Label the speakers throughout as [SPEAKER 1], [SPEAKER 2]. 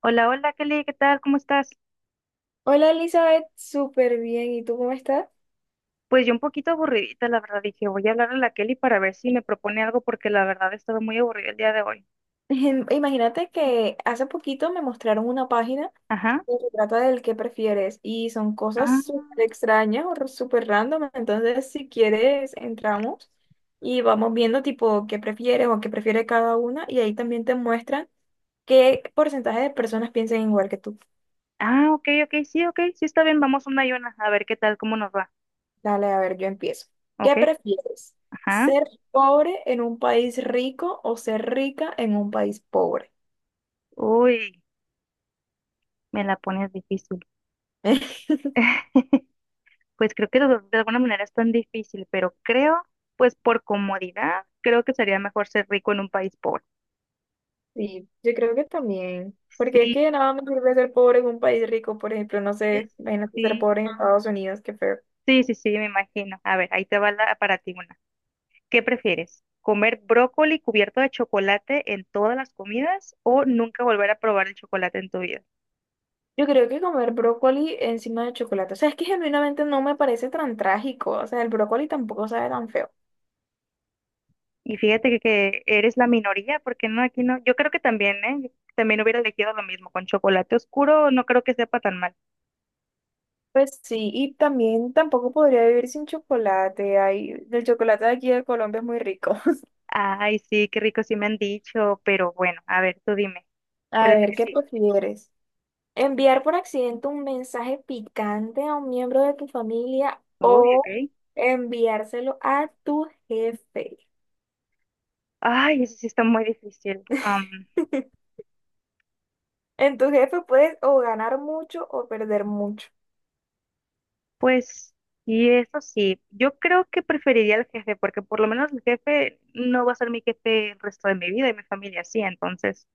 [SPEAKER 1] Hola, hola Kelly, ¿qué tal? ¿Cómo estás?
[SPEAKER 2] Hola Elizabeth, súper bien. ¿Y tú cómo estás?
[SPEAKER 1] Pues yo un poquito aburridita, la verdad, dije, voy a hablarle a la Kelly para ver si me propone algo porque la verdad estaba muy aburrida el día de hoy.
[SPEAKER 2] Imagínate que hace poquito me mostraron una página
[SPEAKER 1] Ajá.
[SPEAKER 2] que se trata del qué prefieres y son cosas
[SPEAKER 1] Ah,
[SPEAKER 2] súper extrañas o súper random. Entonces, si quieres, entramos y vamos viendo tipo qué prefieres o qué prefiere cada una y ahí también te muestran qué porcentaje de personas piensan igual que tú.
[SPEAKER 1] ah, ok, ok, sí, ok, sí está bien, vamos una y una, a ver qué tal, cómo nos va,
[SPEAKER 2] Dale, a ver, yo empiezo. ¿Qué
[SPEAKER 1] ¿ok?
[SPEAKER 2] prefieres?
[SPEAKER 1] Ajá.
[SPEAKER 2] ¿Ser pobre en un país rico o ser rica en un país pobre?
[SPEAKER 1] Uy, me la pones difícil. Pues creo que de alguna manera es tan difícil, pero creo, pues por comodidad, creo que sería mejor ser rico en un país pobre.
[SPEAKER 2] Sí, yo creo que también, porque es
[SPEAKER 1] Sí,
[SPEAKER 2] que de nada me sirve ser pobre en un país rico, por ejemplo, no sé,
[SPEAKER 1] es-
[SPEAKER 2] imagínate ser pobre
[SPEAKER 1] sí,
[SPEAKER 2] en Estados Unidos, qué feo.
[SPEAKER 1] sí, me imagino. A ver, ahí te va la, para ti una. ¿Qué prefieres? ¿Comer brócoli cubierto de chocolate en todas las comidas o nunca volver a probar el chocolate en tu vida?
[SPEAKER 2] Yo creo que comer brócoli encima de chocolate, o sea, es que genuinamente no me parece tan trágico, o sea, el brócoli tampoco sabe tan feo.
[SPEAKER 1] Y fíjate que eres la minoría, porque no, aquí no. Yo creo que también, ¿eh? Yo también hubiera elegido lo mismo. Con chocolate oscuro no creo que sepa tan mal.
[SPEAKER 2] Pues sí, y también tampoco podría vivir sin chocolate, ay, el chocolate de aquí de Colombia es muy rico.
[SPEAKER 1] Ay, sí, qué rico, sí me han dicho, pero bueno, a ver, tú dime, ¿cuál
[SPEAKER 2] A
[SPEAKER 1] es la
[SPEAKER 2] ver,
[SPEAKER 1] que
[SPEAKER 2] ¿qué
[SPEAKER 1] sí?
[SPEAKER 2] prefieres? Enviar por accidente un mensaje picante a un miembro de tu familia
[SPEAKER 1] Uy, ok.
[SPEAKER 2] o enviárselo a tu jefe.
[SPEAKER 1] Ay, eso sí está muy difícil.
[SPEAKER 2] En tu jefe puedes o ganar mucho o perder mucho.
[SPEAKER 1] Pues, y eso sí, yo creo que preferiría al jefe, porque por lo menos el jefe no va a ser mi jefe el resto de mi vida y mi familia sí, entonces,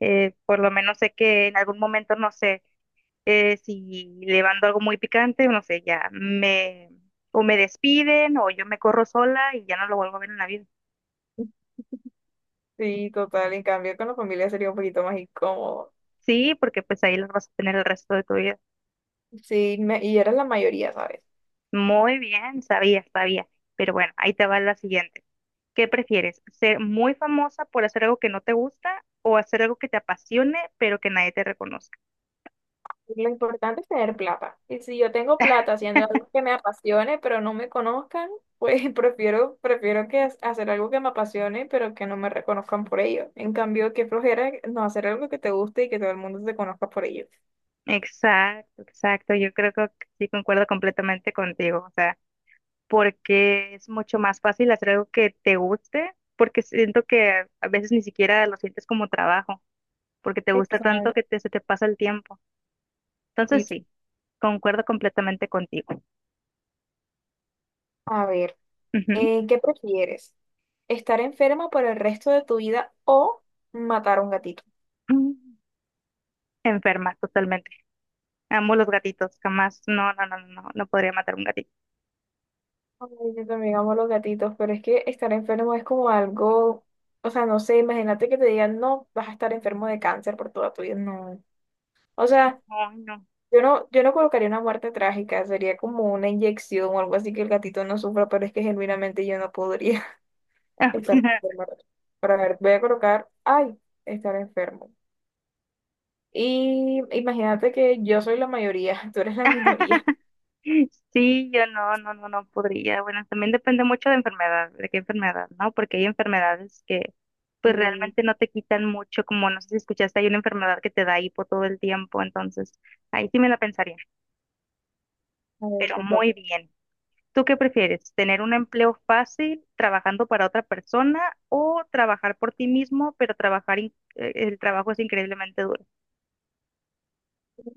[SPEAKER 1] por lo menos sé que en algún momento, no sé, si le mando algo muy picante, no sé, ya me, o me despiden, o yo me corro sola y ya no lo vuelvo a ver en la vida.
[SPEAKER 2] Sí, total. En cambio, con la familia sería un poquito más incómodo.
[SPEAKER 1] Sí, porque pues ahí los vas a tener el resto de tu vida.
[SPEAKER 2] Sí, y eres la mayoría, ¿sabes?
[SPEAKER 1] Muy bien, sabía, pero bueno, ahí te va la siguiente. ¿Qué prefieres? ¿Ser muy famosa por hacer algo que no te gusta o hacer algo que te apasione pero que nadie te reconozca?
[SPEAKER 2] Lo importante es tener plata. Y si yo tengo plata haciendo algo que me apasione, pero no me conozcan, pues prefiero hacer algo que me apasione, pero que no me reconozcan por ello. En cambio, qué flojera no hacer algo que te guste y que todo el mundo te conozca por ello.
[SPEAKER 1] Exacto, exacto. Yo creo que sí concuerdo completamente contigo. O sea, porque es mucho más fácil hacer algo que te guste, porque siento que a veces ni siquiera lo sientes como trabajo, porque te gusta tanto
[SPEAKER 2] Exacto.
[SPEAKER 1] se te pasa el tiempo. Entonces sí, concuerdo completamente contigo.
[SPEAKER 2] A ver,
[SPEAKER 1] Ujú.
[SPEAKER 2] ¿qué prefieres? ¿Estar enferma por el resto de tu vida o matar a un gatito?
[SPEAKER 1] Mm, enferma, totalmente. Amo los gatitos, jamás. No, no, no, no, no podría matar un gatito.
[SPEAKER 2] Ay, yo también amo los gatitos, pero es que estar enfermo es como algo, o sea, no sé, imagínate que te digan, no, vas a estar enfermo de cáncer por toda tu vida, no. O sea,
[SPEAKER 1] Ay, no.
[SPEAKER 2] yo no colocaría una muerte trágica, sería como una inyección o algo así que el gatito no sufra, pero es que genuinamente yo no podría estar enfermo. Pero a ver, voy a colocar, ay, estar enfermo. Y imagínate que yo soy la mayoría, tú eres la minoría.
[SPEAKER 1] Sí, yo no, no, no podría. Bueno, también depende mucho de enfermedad, de qué enfermedad, ¿no? Porque hay enfermedades que pues
[SPEAKER 2] Y
[SPEAKER 1] realmente no te quitan mucho, como no sé si escuchaste, hay una enfermedad que te da hipo todo el tiempo, entonces ahí sí me la pensaría,
[SPEAKER 2] a ver,
[SPEAKER 1] pero
[SPEAKER 2] te
[SPEAKER 1] muy
[SPEAKER 2] toca.
[SPEAKER 1] bien. ¿Tú qué prefieres? ¿Tener un empleo fácil trabajando para otra persona o trabajar por ti mismo, pero trabajar, el trabajo es increíblemente duro?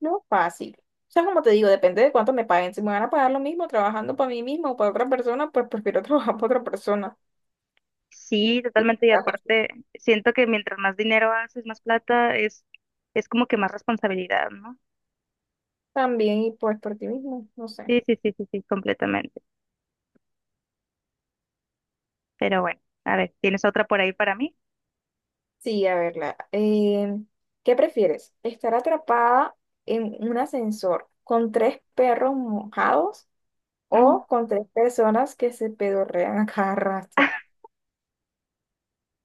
[SPEAKER 2] Lo fácil. O sea, como te digo, depende de cuánto me paguen. Si me van a pagar lo mismo trabajando para mí mismo o para otra persona, pues prefiero trabajar para otra persona.
[SPEAKER 1] Sí,
[SPEAKER 2] Y pues,
[SPEAKER 1] totalmente. Y
[SPEAKER 2] ya, pues,
[SPEAKER 1] aparte, siento que mientras más dinero haces, más plata, es como que más responsabilidad, ¿no?
[SPEAKER 2] también, y pues por ti mismo, no sé.
[SPEAKER 1] Sí, completamente. Pero bueno, a ver, ¿tienes otra por ahí para mí?
[SPEAKER 2] Sí, a verla la, ¿qué prefieres? ¿Estar atrapada en un ascensor con tres perros mojados
[SPEAKER 1] Mm.
[SPEAKER 2] o con tres personas que se pedorrean a cada rato?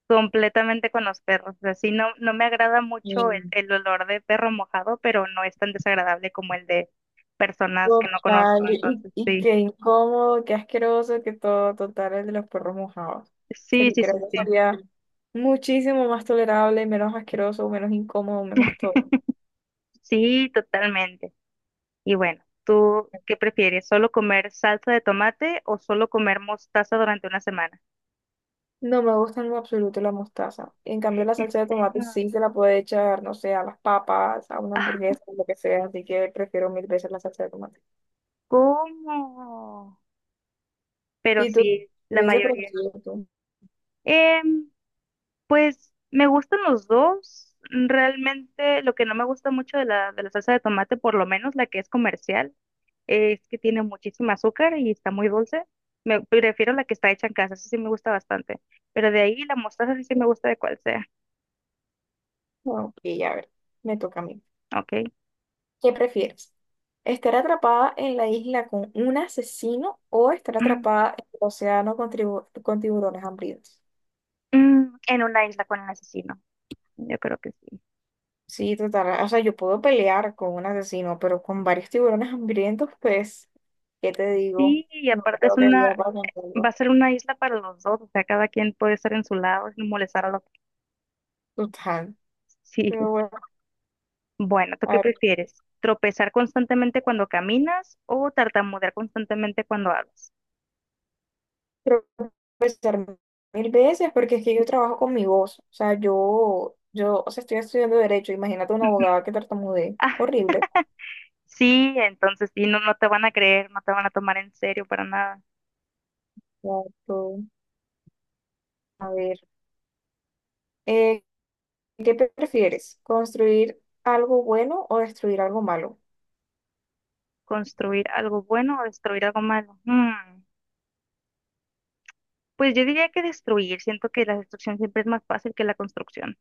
[SPEAKER 1] Completamente con los perros. Así no, no me agrada mucho el,
[SPEAKER 2] Mm.
[SPEAKER 1] el olor de perro mojado, pero no es tan desagradable como el de personas que no conozco.
[SPEAKER 2] Total, y,
[SPEAKER 1] Entonces,
[SPEAKER 2] y
[SPEAKER 1] sí,
[SPEAKER 2] qué incómodo, qué asqueroso que todo, total, el de los perros mojados.
[SPEAKER 1] sí,
[SPEAKER 2] Sería,
[SPEAKER 1] sí,
[SPEAKER 2] creo
[SPEAKER 1] sí,
[SPEAKER 2] que
[SPEAKER 1] sí.
[SPEAKER 2] sería muchísimo más tolerable, menos asqueroso, menos incómodo, menos todo.
[SPEAKER 1] Sí, totalmente. Y bueno, ¿tú qué prefieres? ¿Solo comer salsa de tomate o solo comer mostaza durante una semana?
[SPEAKER 2] No me gusta en lo absoluto la mostaza. En cambio, la
[SPEAKER 1] ¿En
[SPEAKER 2] salsa de tomate
[SPEAKER 1] serio?
[SPEAKER 2] sí se la puede echar, no sé, a las papas, a una
[SPEAKER 1] Ah,
[SPEAKER 2] hamburguesa, lo que sea, así que prefiero mil veces la salsa de tomate.
[SPEAKER 1] ¿cómo? Pero
[SPEAKER 2] Y tú,
[SPEAKER 1] sí, la
[SPEAKER 2] hubiese
[SPEAKER 1] mayoría.
[SPEAKER 2] preferido tú.
[SPEAKER 1] Em, pues me gustan los dos. Realmente lo que no me gusta mucho de la salsa de tomate, por lo menos la que es comercial, es que tiene muchísimo azúcar y está muy dulce. Me prefiero la que está hecha en casa, esa sí me gusta bastante. Pero de ahí la mostaza sí me gusta de cual sea.
[SPEAKER 2] Bueno, y a ver, me toca a mí.
[SPEAKER 1] Ok.
[SPEAKER 2] ¿Qué prefieres? ¿Estar atrapada en la isla con un asesino o estar atrapada en el océano con, con tiburones hambrientos?
[SPEAKER 1] Mm, en una isla con el asesino. Yo creo que sí.
[SPEAKER 2] Sí, total. O sea, yo puedo pelear con un asesino, pero con varios tiburones hambrientos, pues, ¿qué te digo?
[SPEAKER 1] Sí, y
[SPEAKER 2] No
[SPEAKER 1] aparte es
[SPEAKER 2] creo que viva
[SPEAKER 1] una,
[SPEAKER 2] para
[SPEAKER 1] va a
[SPEAKER 2] algo.
[SPEAKER 1] ser una isla para los dos, o sea, cada quien puede estar en su lado sin molestar a los demás.
[SPEAKER 2] Total.
[SPEAKER 1] Sí.
[SPEAKER 2] Pero bueno,
[SPEAKER 1] Bueno, ¿tú
[SPEAKER 2] a
[SPEAKER 1] qué
[SPEAKER 2] ver,
[SPEAKER 1] prefieres? ¿Tropezar constantemente cuando caminas o tartamudear constantemente cuando hablas?
[SPEAKER 2] creo que pensar mil veces porque es que yo trabajo con mi voz. O sea, yo, o sea, estoy estudiando derecho. Imagínate una
[SPEAKER 1] Ujú.
[SPEAKER 2] abogada que tartamudee.
[SPEAKER 1] Ah,
[SPEAKER 2] Horrible.
[SPEAKER 1] sí, entonces sí, no, no te van a creer, no te van a tomar en serio para nada.
[SPEAKER 2] Exacto. A ver. Eh, ¿Qué prefieres? ¿Construir algo bueno o destruir algo malo?
[SPEAKER 1] ¿Construir algo bueno o destruir algo malo? Mm, pues yo diría que destruir, siento que la destrucción siempre es más fácil que la construcción.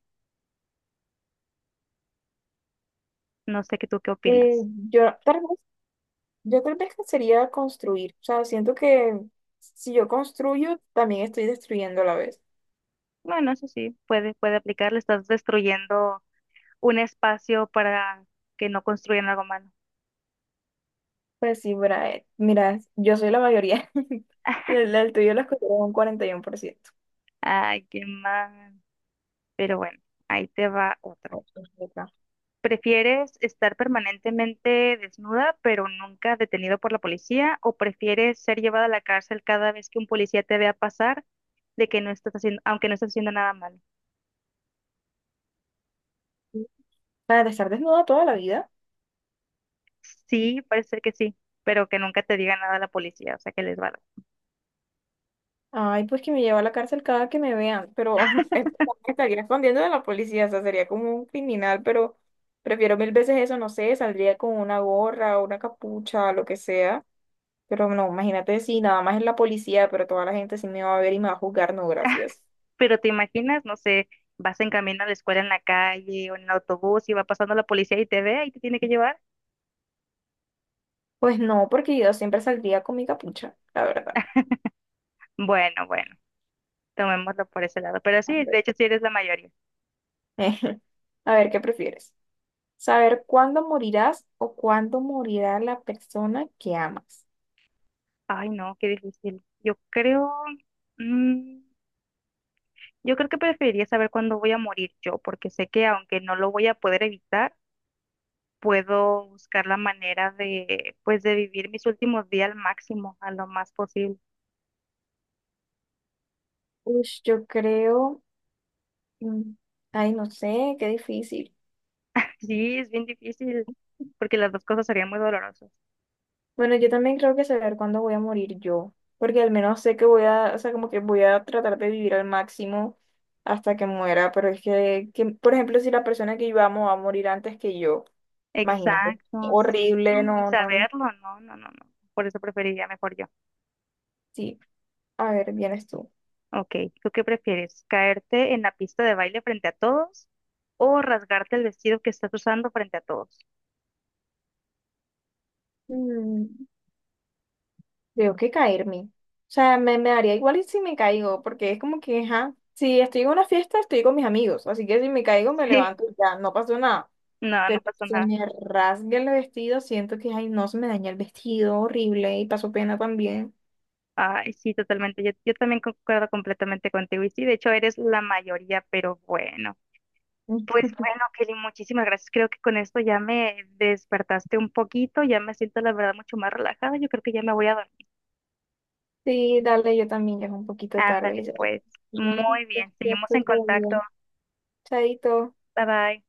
[SPEAKER 1] No sé qué tú qué
[SPEAKER 2] Eh,
[SPEAKER 1] opinas.
[SPEAKER 2] yo tal vez, yo tal vez sería construir. O sea, siento que si yo construyo, también estoy destruyendo a la vez.
[SPEAKER 1] Bueno, eso sí, puede aplicar, le estás destruyendo un espacio para que no construyan algo malo.
[SPEAKER 2] Pues sí, Brae, mira, yo soy la mayoría. El tuyo lo escogió un 41%.
[SPEAKER 1] Ay, qué mal. Pero bueno, ahí te va otra. ¿Prefieres estar permanentemente desnuda, pero nunca detenido por la policía? ¿O prefieres ser llevada a la cárcel cada vez que un policía te vea pasar de que no estás haciendo, aunque no estás haciendo nada malo?
[SPEAKER 2] Para estar desnuda toda la vida.
[SPEAKER 1] Sí, parece que sí, pero que nunca te diga nada la policía, o sea, que les vale.
[SPEAKER 2] Ay, pues que me lleva a la cárcel cada que me vean, pero me estaría escondiendo de la policía, o sea, sería como un criminal, pero prefiero mil veces eso, no sé, saldría con una gorra o una capucha, lo que sea, pero no, imagínate si nada más es la policía, pero toda la gente sí me va a ver y me va a juzgar, no, gracias.
[SPEAKER 1] Pero te imaginas, no sé, vas en camino a la escuela en la calle o en el autobús y va pasando la policía y te ve y te tiene que llevar.
[SPEAKER 2] Pues no, porque yo siempre saldría con mi capucha, la verdad.
[SPEAKER 1] Bueno, bueno, tomémoslo por ese lado. Pero sí, de hecho sí eres la mayoría.
[SPEAKER 2] A ver, ¿qué prefieres? ¿Saber cuándo morirás o cuándo morirá la persona que amas?
[SPEAKER 1] Ay, no, qué difícil. Yo creo, mm, yo creo que preferiría saber cuándo voy a morir yo, porque sé que aunque no lo voy a poder evitar, puedo buscar la manera de, pues, de vivir mis últimos días al máximo, a lo más posible.
[SPEAKER 2] Uy, yo creo... Mm. Ay, no sé, qué difícil.
[SPEAKER 1] Sí, es bien difícil, porque las dos cosas serían muy dolorosas.
[SPEAKER 2] Bueno, yo también creo que saber cuándo voy a morir yo, porque al menos sé que voy a, o sea, como que voy a tratar de vivir al máximo hasta que muera, pero es que, por ejemplo, si la persona que yo amo va a morir antes que yo, imagínate,
[SPEAKER 1] Exacto, sí,
[SPEAKER 2] horrible,
[SPEAKER 1] y
[SPEAKER 2] no, no, no.
[SPEAKER 1] saberlo, no, no, no, no. Por eso preferiría mejor yo.
[SPEAKER 2] Sí. A ver, vienes tú.
[SPEAKER 1] Ok, ¿tú qué prefieres? ¿Caerte en la pista de baile frente a todos o rasgarte el vestido que estás usando frente a todos?
[SPEAKER 2] Mm, creo que caerme. O sea, me daría igual y si me caigo, porque es como que, ajá, si estoy en una fiesta, estoy con mis amigos, así que si me caigo, me
[SPEAKER 1] Sí,
[SPEAKER 2] levanto, y ya, no pasó nada.
[SPEAKER 1] no, no
[SPEAKER 2] Pero
[SPEAKER 1] pasa
[SPEAKER 2] se
[SPEAKER 1] nada.
[SPEAKER 2] me rasga el vestido, siento que, ay, no, se me daña el vestido, horrible, y paso pena también.
[SPEAKER 1] Ay, sí, totalmente. Yo también concuerdo completamente contigo. Y sí, de hecho eres la mayoría, pero bueno. Pues bueno, Kelly, muchísimas gracias. Creo que con esto ya me despertaste un poquito, ya me siento la verdad mucho más relajada. Yo creo que ya me voy a dormir.
[SPEAKER 2] Sí, dale, yo también, ya es un poquito tarde,
[SPEAKER 1] Ándale,
[SPEAKER 2] Elizabeth.
[SPEAKER 1] pues.
[SPEAKER 2] Entonces,
[SPEAKER 1] Muy
[SPEAKER 2] ya
[SPEAKER 1] bien. Seguimos
[SPEAKER 2] estoy
[SPEAKER 1] en
[SPEAKER 2] súper
[SPEAKER 1] contacto.
[SPEAKER 2] bien. Chaito.
[SPEAKER 1] Bye bye.